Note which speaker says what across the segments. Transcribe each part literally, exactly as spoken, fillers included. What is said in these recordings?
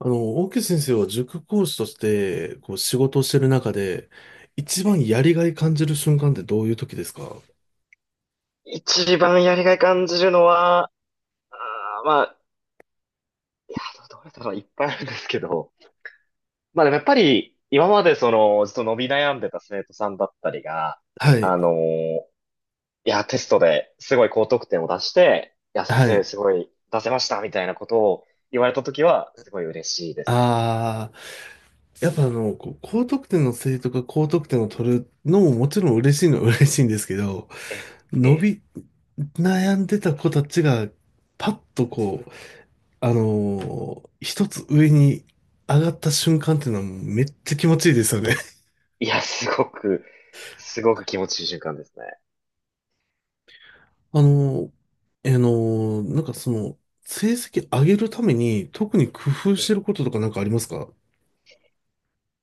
Speaker 1: あの、大木先生は塾講師として、こう、仕事をしてる中で、一番やりがい感じる瞬間ってどういう時ですか？
Speaker 2: 一番やりがい感じるのは、あーまあ、いや、どどれだろう、いっぱいあるんですけど、まあでもやっぱり、今までその、ずっと伸び悩んでた生徒さんだったりが、
Speaker 1: はい、
Speaker 2: あのーいや、テストですごい高得点を出して、いや、先
Speaker 1: は
Speaker 2: 生
Speaker 1: い。
Speaker 2: すごい出せました、みたいなことを言われたときは、すごい嬉しいですね。
Speaker 1: ああ、やっぱあの、こう、高得点の生徒が高得点を取るのももちろん嬉しいのは嬉しいんですけど、
Speaker 2: え、
Speaker 1: 伸
Speaker 2: え、
Speaker 1: び、悩んでた子たちが、パッとこう、あのー一つ上に上がった瞬間っていうのはもうめっちゃ気持ちいいですよね。
Speaker 2: いや、すごく、すごく気持ちいい瞬間ですね。
Speaker 1: あの、えーの、なんかその、成績上げるために特に工夫して
Speaker 2: え
Speaker 1: ることとかなんかありますか？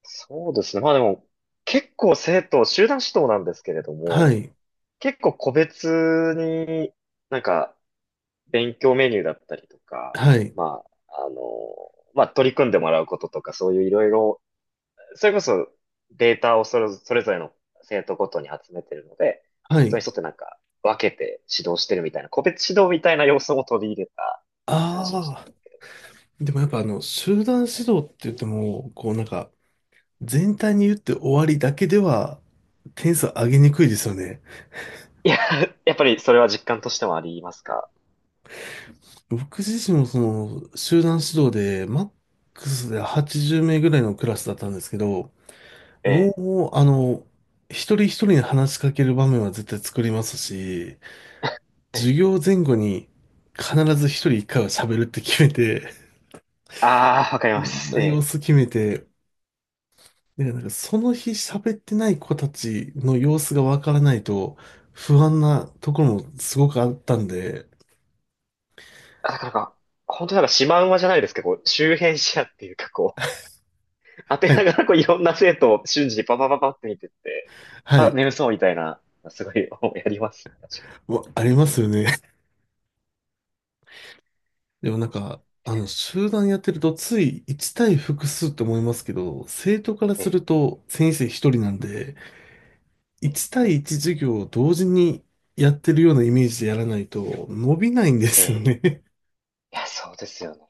Speaker 2: そうですね。まあでも、結構生徒、集団指導なんですけれども、
Speaker 1: はい、
Speaker 2: 結構個別になんか勉強メニューだったりとか、
Speaker 1: はい、
Speaker 2: まあ、あの、まあ取り組んでもらうこととか、そういういろいろ、それこそデータをそれ、それぞれの生徒ごとに集めてるので、
Speaker 1: は
Speaker 2: それ
Speaker 1: い。
Speaker 2: に沿ってなんか分けて指導してるみたいな、個別指導みたいな要素も取り入れた感じの人。
Speaker 1: ああ、でもやっぱあの、集団指導って言っても、こうなんか、全体に言って終わりだけでは、点数上げにくいですよね。
Speaker 2: いや、やっぱりそれは実感としてもありますか？
Speaker 1: 僕自身もその、集団指導で、マックスではちじゅう名ぐらいのクラスだったんですけど、
Speaker 2: ええ。
Speaker 1: もう、あの、一人一人に話しかける場面は絶対作りますし、
Speaker 2: え
Speaker 1: 授
Speaker 2: え。
Speaker 1: 業前後に必ず一人一回は喋るって決めて、
Speaker 2: ああ、わかり
Speaker 1: い
Speaker 2: ま
Speaker 1: ろん
Speaker 2: す。
Speaker 1: な
Speaker 2: え
Speaker 1: 様
Speaker 2: え。
Speaker 1: 子決めて、だからなんかその日喋ってない子たちの様子がわからないと不安なところもすごくあったんで、
Speaker 2: だからなんか、本当になんかシマウマじゃないですけど、こう周辺視野っていうかこう、当て
Speaker 1: は
Speaker 2: な
Speaker 1: い、
Speaker 2: がらこういろんな生徒を瞬時にパパパパって見てって、
Speaker 1: は
Speaker 2: あ、
Speaker 1: い、
Speaker 2: 眠
Speaker 1: わ
Speaker 2: そうみたいな、すごい やります。確か
Speaker 1: ありますよね。でもなんか、あの、集団やってるとついいち対複数って思いますけど、生徒から
Speaker 2: に。
Speaker 1: す
Speaker 2: え
Speaker 1: ると先生一人なんで、
Speaker 2: え、ええ、
Speaker 1: いち対いち授業を同時にやってるようなイメージでやらないと伸びないんで
Speaker 2: え
Speaker 1: すよ
Speaker 2: え、
Speaker 1: ね。
Speaker 2: いや、そうですよね。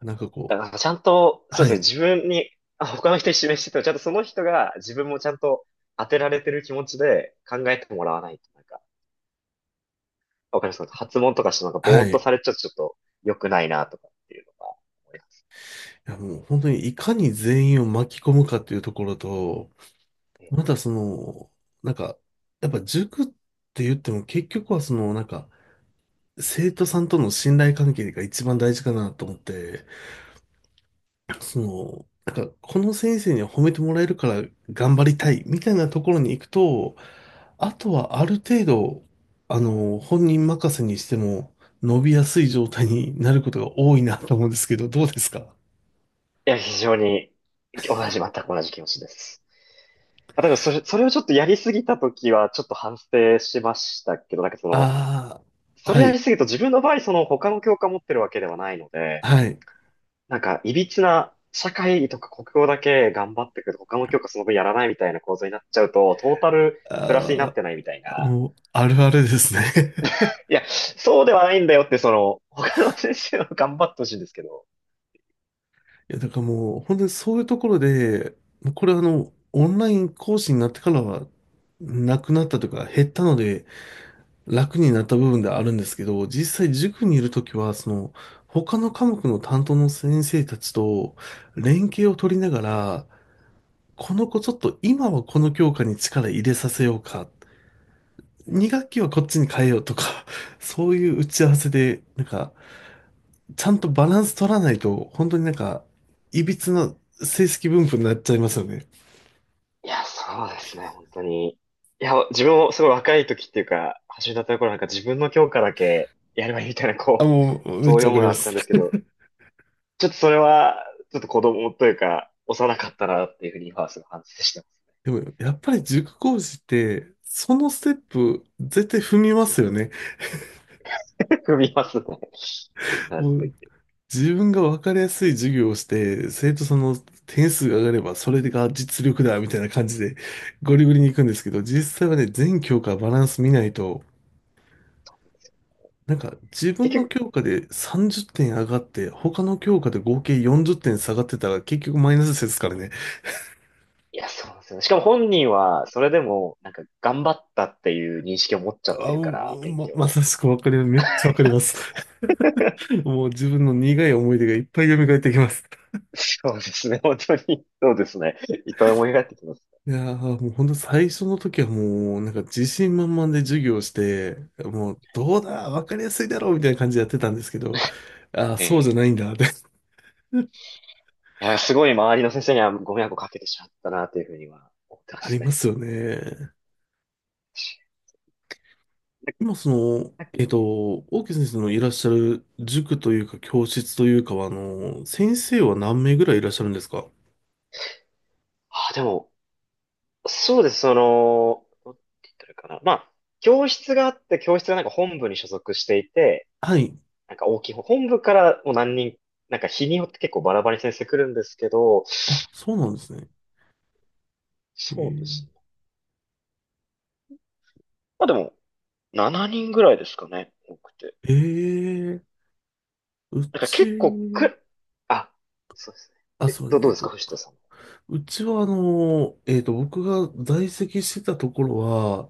Speaker 1: なんかこ
Speaker 2: だからちゃんと、
Speaker 1: う、
Speaker 2: そうで
Speaker 1: は
Speaker 2: すね、
Speaker 1: い、
Speaker 2: 自分に、あ、他の人に示してても、ちゃんとその人が自分もちゃんと当てられてる気持ちで考えてもらわないと、なんか、わかりますか？発問とかしてなんかぼ
Speaker 1: は
Speaker 2: ーっ
Speaker 1: い。
Speaker 2: と
Speaker 1: い
Speaker 2: されちゃうとちょっと良くないなとかっていうのが思います。
Speaker 1: やもう本当にいかに全員を巻き込むかっていうところと、またその、なんか、やっぱ塾って言っても結局はその、なんか、生徒さんとの信頼関係が一番大事かなと思って、その、なんか、この先生には褒めてもらえるから頑張りたいみたいなところに行くと、あとはある程度、あの、本人任せにしても伸びやすい状態になることが多いなと思うんですけど、どうですか？
Speaker 2: いや、非常に、同じ、全く同じ気持ちです。あ、だからそれ、それをちょっとやりすぎたときは、ちょっと反省しましたけど、なんかその、
Speaker 1: ああ、
Speaker 2: それ
Speaker 1: は
Speaker 2: や
Speaker 1: い、
Speaker 2: りすぎると自分の場合、その他の教科持ってるわけではないので、
Speaker 1: はい。
Speaker 2: なんか、いびつな社会とか国語だけ頑張ってくると、他の教科その分やらないみたいな構造になっちゃうと、トータルプラスになっ
Speaker 1: あ
Speaker 2: てないみたい
Speaker 1: あ、
Speaker 2: な。
Speaker 1: もう、あるあるですね。
Speaker 2: いや、そうではないんだよって、その、他の先生は頑張ってほしいんですけど。
Speaker 1: いや、だからもう、本当にそういうところで、もうこれあの、オンライン講師になってからは、なくなったというか、減ったので、楽になった部分ではあるんですけど、実際塾にいるときは、その、他の科目の担当の先生たちと連携を取りながら、この子ちょっと今はこの教科に力入れさせようか
Speaker 2: うん、
Speaker 1: にがっき学期はこっちに変えようとか、そういう打ち合わせで、なんか、ちゃんとバランス取らないと、本当になんか、いびつな成績分布になっちゃいますよね。
Speaker 2: いや、そうですね、本当に。いや、自分もすごい若い時っていうか、始めたところなんか自分の教科だけやればいいみたいな、
Speaker 1: あ、
Speaker 2: こう、
Speaker 1: もう、めっ
Speaker 2: そう
Speaker 1: ち
Speaker 2: いう
Speaker 1: ゃわ
Speaker 2: も
Speaker 1: か
Speaker 2: の
Speaker 1: り
Speaker 2: が
Speaker 1: ま
Speaker 2: あった
Speaker 1: す。
Speaker 2: んですけど、ちょっとそれは、ちょっと子供というか、幼かったなっていうふうに今はすごい反省して
Speaker 1: でも、やっぱり塾講師って、そのステップ、絶対踏みますよね。
Speaker 2: ます。踏みますね。必
Speaker 1: も
Speaker 2: ずと言
Speaker 1: う、
Speaker 2: って。
Speaker 1: 自分がわかりやすい授業をして、生徒さんの点数が上がれば、それが実力だ、みたいな感じで、ゴリゴリに行くんですけど、実際はね、全教科バランス見ないと、なんか自
Speaker 2: 結
Speaker 1: 分の
Speaker 2: 局、
Speaker 1: 教科でさんじゅってん上がって、他の教科で合計よんじゅってん下がってたら結局マイナスですからね。
Speaker 2: いや、そうなんですよね。しかも本人は、それでも、なんか、頑張ったっていう認識を持っちゃって
Speaker 1: あ、
Speaker 2: るから、
Speaker 1: もう
Speaker 2: 勉
Speaker 1: ま、
Speaker 2: 強
Speaker 1: ま
Speaker 2: を。
Speaker 1: さしくわかります。めっちゃわかります。もう自分の苦い思い出がいっぱい蘇ってきます。
Speaker 2: そうですね、本当に。そうですね。いっぱい思い返ってきます。
Speaker 1: いやー、もうほんと最初の時はもうなんか自信満々で授業をして、もうどうだ、わかりやすいだろうみたいな感じでやってたんですけど、あー、そうじ
Speaker 2: ええ、
Speaker 1: ゃないんだって
Speaker 2: いや、すごい周りの先生にはご迷惑をかけてしまったな、というふうには思ってま
Speaker 1: あ
Speaker 2: す
Speaker 1: りま
Speaker 2: ね。
Speaker 1: すよね。今その、えっと、大木先生のいらっしゃる塾というか教室というかは、あの、先生は何名ぐらいいらっしゃるんですか？
Speaker 2: あ、でも、そうです、その、どうって言ったらいいかな。まあ、教室があって、教室がなんか本部に所属していて、
Speaker 1: はい。
Speaker 2: なんか大きい本本部からもう何人、なんか日によって結構バラバラに先生来るんですけど、
Speaker 1: あ、そうなんですね。え
Speaker 2: そうで
Speaker 1: ー、
Speaker 2: すね。まあでも、ななにんぐらいですかね、多くて。
Speaker 1: えーう
Speaker 2: なんか結構
Speaker 1: ち、
Speaker 2: く、あ、そうです
Speaker 1: あ、
Speaker 2: ね。
Speaker 1: す
Speaker 2: え、
Speaker 1: み
Speaker 2: ど、
Speaker 1: ません。
Speaker 2: どう
Speaker 1: えっ
Speaker 2: ですか、
Speaker 1: と、
Speaker 2: 藤田さん。
Speaker 1: うちはあの、えっと、僕が在籍してたところは、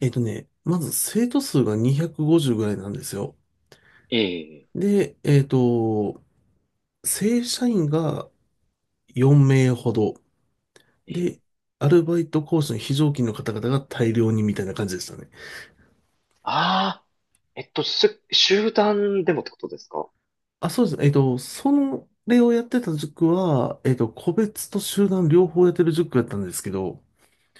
Speaker 1: えっとね、まず生徒数がにひゃくごじゅうぐらいなんですよ。
Speaker 2: ええ、
Speaker 1: で、えっと、正社員がよん名ほど。
Speaker 2: ええ。
Speaker 1: で、アルバイトコースの非常勤の方々が大量にみたいな感じでしたね。
Speaker 2: ああ。えっと、す、集団でもってことですか？
Speaker 1: あ、そうですね。えっと、その例をやってた塾は、えっと、個別と集団両方やってる塾だったんですけど、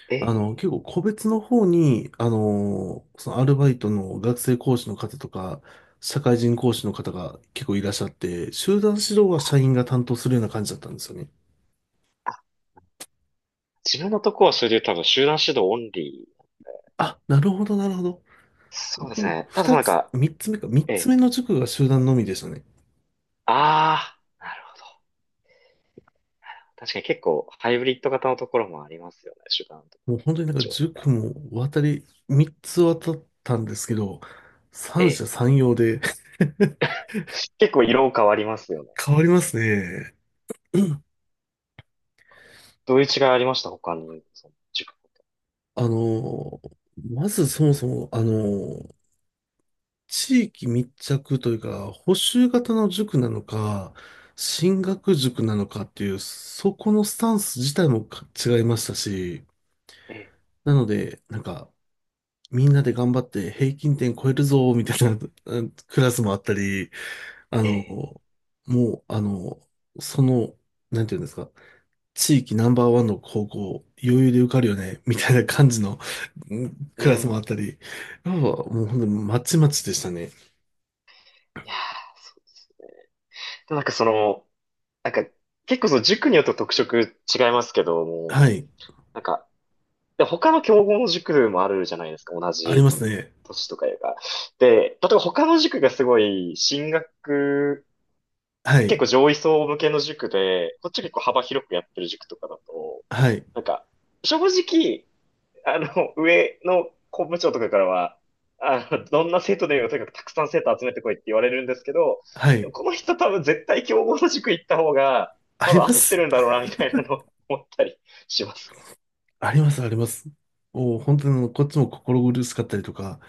Speaker 2: え
Speaker 1: あの、結
Speaker 2: え、
Speaker 1: 構個別の方に、あの、そのアルバイトの学生講師の方とか、社会人講師の方が結構いらっしゃって、集団指導は社員が担当するような感じだったんですよね。
Speaker 2: あ、自分のとこはそれで多分集団指導オンリー。
Speaker 1: あ、なるほど、なるほど。
Speaker 2: そうです
Speaker 1: 僕、
Speaker 2: ね。ただ
Speaker 1: 二
Speaker 2: なん
Speaker 1: つ、
Speaker 2: か、
Speaker 1: 三つ目か、三
Speaker 2: え
Speaker 1: つ目
Speaker 2: え、
Speaker 1: の塾が集団のみでしたね。
Speaker 2: ああー、なるほど。確かに結構ハイブリッド型のところもありますよね。集団と
Speaker 1: もう本当になんか
Speaker 2: 上みた
Speaker 1: 塾
Speaker 2: いな。
Speaker 1: も渡り、みっつ渡ったんですけど、三
Speaker 2: ええ、
Speaker 1: 者三様で
Speaker 2: 結構色変わります よね。
Speaker 1: 変わりますね。うん。
Speaker 2: どういう違いありました他に、その塾ごと
Speaker 1: あの、まずそもそも、あの、地域密着というか、補習型の塾なのか、進学塾なのかっていう、そこのスタンス自体もか違いましたし、
Speaker 2: に。え
Speaker 1: なので、なんか、みんなで頑張って平均点超えるぞ、みたいなうんクラスもあったり、あ
Speaker 2: え、
Speaker 1: の、
Speaker 2: ええ、
Speaker 1: もう、あの、その、なんていうんですか、地域ナンバーワンの高校、余裕で受かるよね、みたいな感じのうん
Speaker 2: う
Speaker 1: クラスもあ
Speaker 2: ん。
Speaker 1: ったり、やっぱもう本当にまちまちでしたね。
Speaker 2: いやー、そうですね。でもなんかその、なんか結構その塾によって特色違いますけども、
Speaker 1: はい。
Speaker 2: なんか、で、他の競合の塾もあるじゃないですか、同
Speaker 1: あり
Speaker 2: じ
Speaker 1: ますね。
Speaker 2: 年とかいうか。で、例えば他の塾がすごい進学、
Speaker 1: は
Speaker 2: 結
Speaker 1: い。
Speaker 2: 構上位層向けの塾で、こっち結構幅広くやってる塾とかだと、
Speaker 1: はい。
Speaker 2: なんか、正直、あの、上の校務長とかからは、あの、どんな生徒でもいいよとにかくたくさん生徒集めてこいって言われるんですけど、
Speaker 1: は
Speaker 2: でも
Speaker 1: い。
Speaker 2: この人多分絶対競合の塾行った方が、
Speaker 1: あ
Speaker 2: 多
Speaker 1: り
Speaker 2: 分合
Speaker 1: ま
Speaker 2: って
Speaker 1: す。
Speaker 2: るんだろうな、みたいなのを思ったりしますね。
Speaker 1: あります、あります。お、本当にあのこっちも心苦しかったりとか、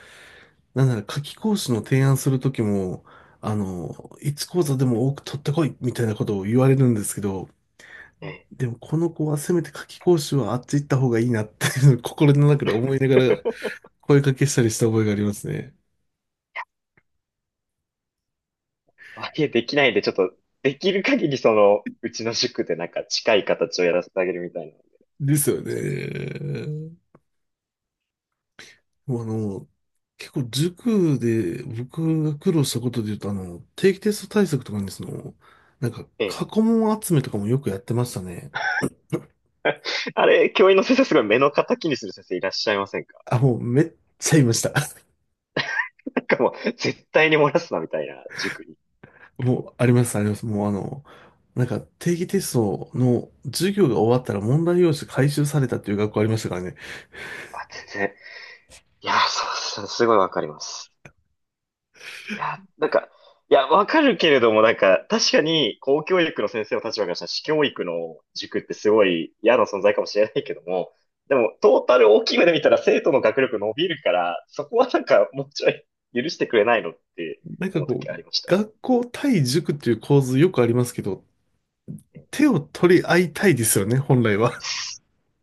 Speaker 1: なんなら夏期講師の提案するときも、あの、いちこうざ講座でも多く取ってこい、みたいなことを言われるんですけど、
Speaker 2: え
Speaker 1: でもこの子はせめて夏期講習はあっち行った方がいいなっていうのを 心の中で思いながら
Speaker 2: え、
Speaker 1: 声かけしたりした覚えがありますね。
Speaker 2: あ、いえ、できないんで、ちょっと、できる限りその、うちの塾でなんか近い形をやらせてあげるみたいなので。
Speaker 1: ですよね。もうあの、結構塾で僕が苦労したことで言うとあの、定期テスト対策とかにその、なんか
Speaker 2: ええ。
Speaker 1: 過去問集めとかもよくやってましたね。
Speaker 2: あれ、教員の先生すごい目の敵にする先生いらっしゃいませんか？
Speaker 1: あ、もうめっちゃいました。
Speaker 2: なんかもう、絶対に漏らすなみたいな塾に。
Speaker 1: もうあります、あります。もうあの、なんか定期テストの授業が終わったら問題用紙回収されたっていう学校ありましたからね。
Speaker 2: あ、全然。いや、そう、そうすごいわかります。いや、なんか、いや、わかるけれども、なんか、確かに、公教育の先生の立場からしたら、私教育の塾ってすごい嫌な存在かもしれないけども、でも、トータル大きい目で見たら、生徒の学力伸びるから、そこはなんか、もうちょい許してくれないのって
Speaker 1: なんか
Speaker 2: 思う
Speaker 1: こ
Speaker 2: 時
Speaker 1: う、
Speaker 2: ありました
Speaker 1: 学校対塾っていう構図よくありますけど、
Speaker 2: ね。
Speaker 1: 手を取り合いたいですよね、本来は。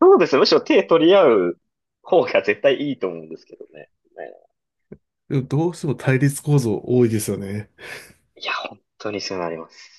Speaker 2: そうですね。むしろ手取り合う方が絶対いいと思うんですけどね。ね、
Speaker 1: でもどうしても対立構造多いですよね。
Speaker 2: いや、本当にそうなります。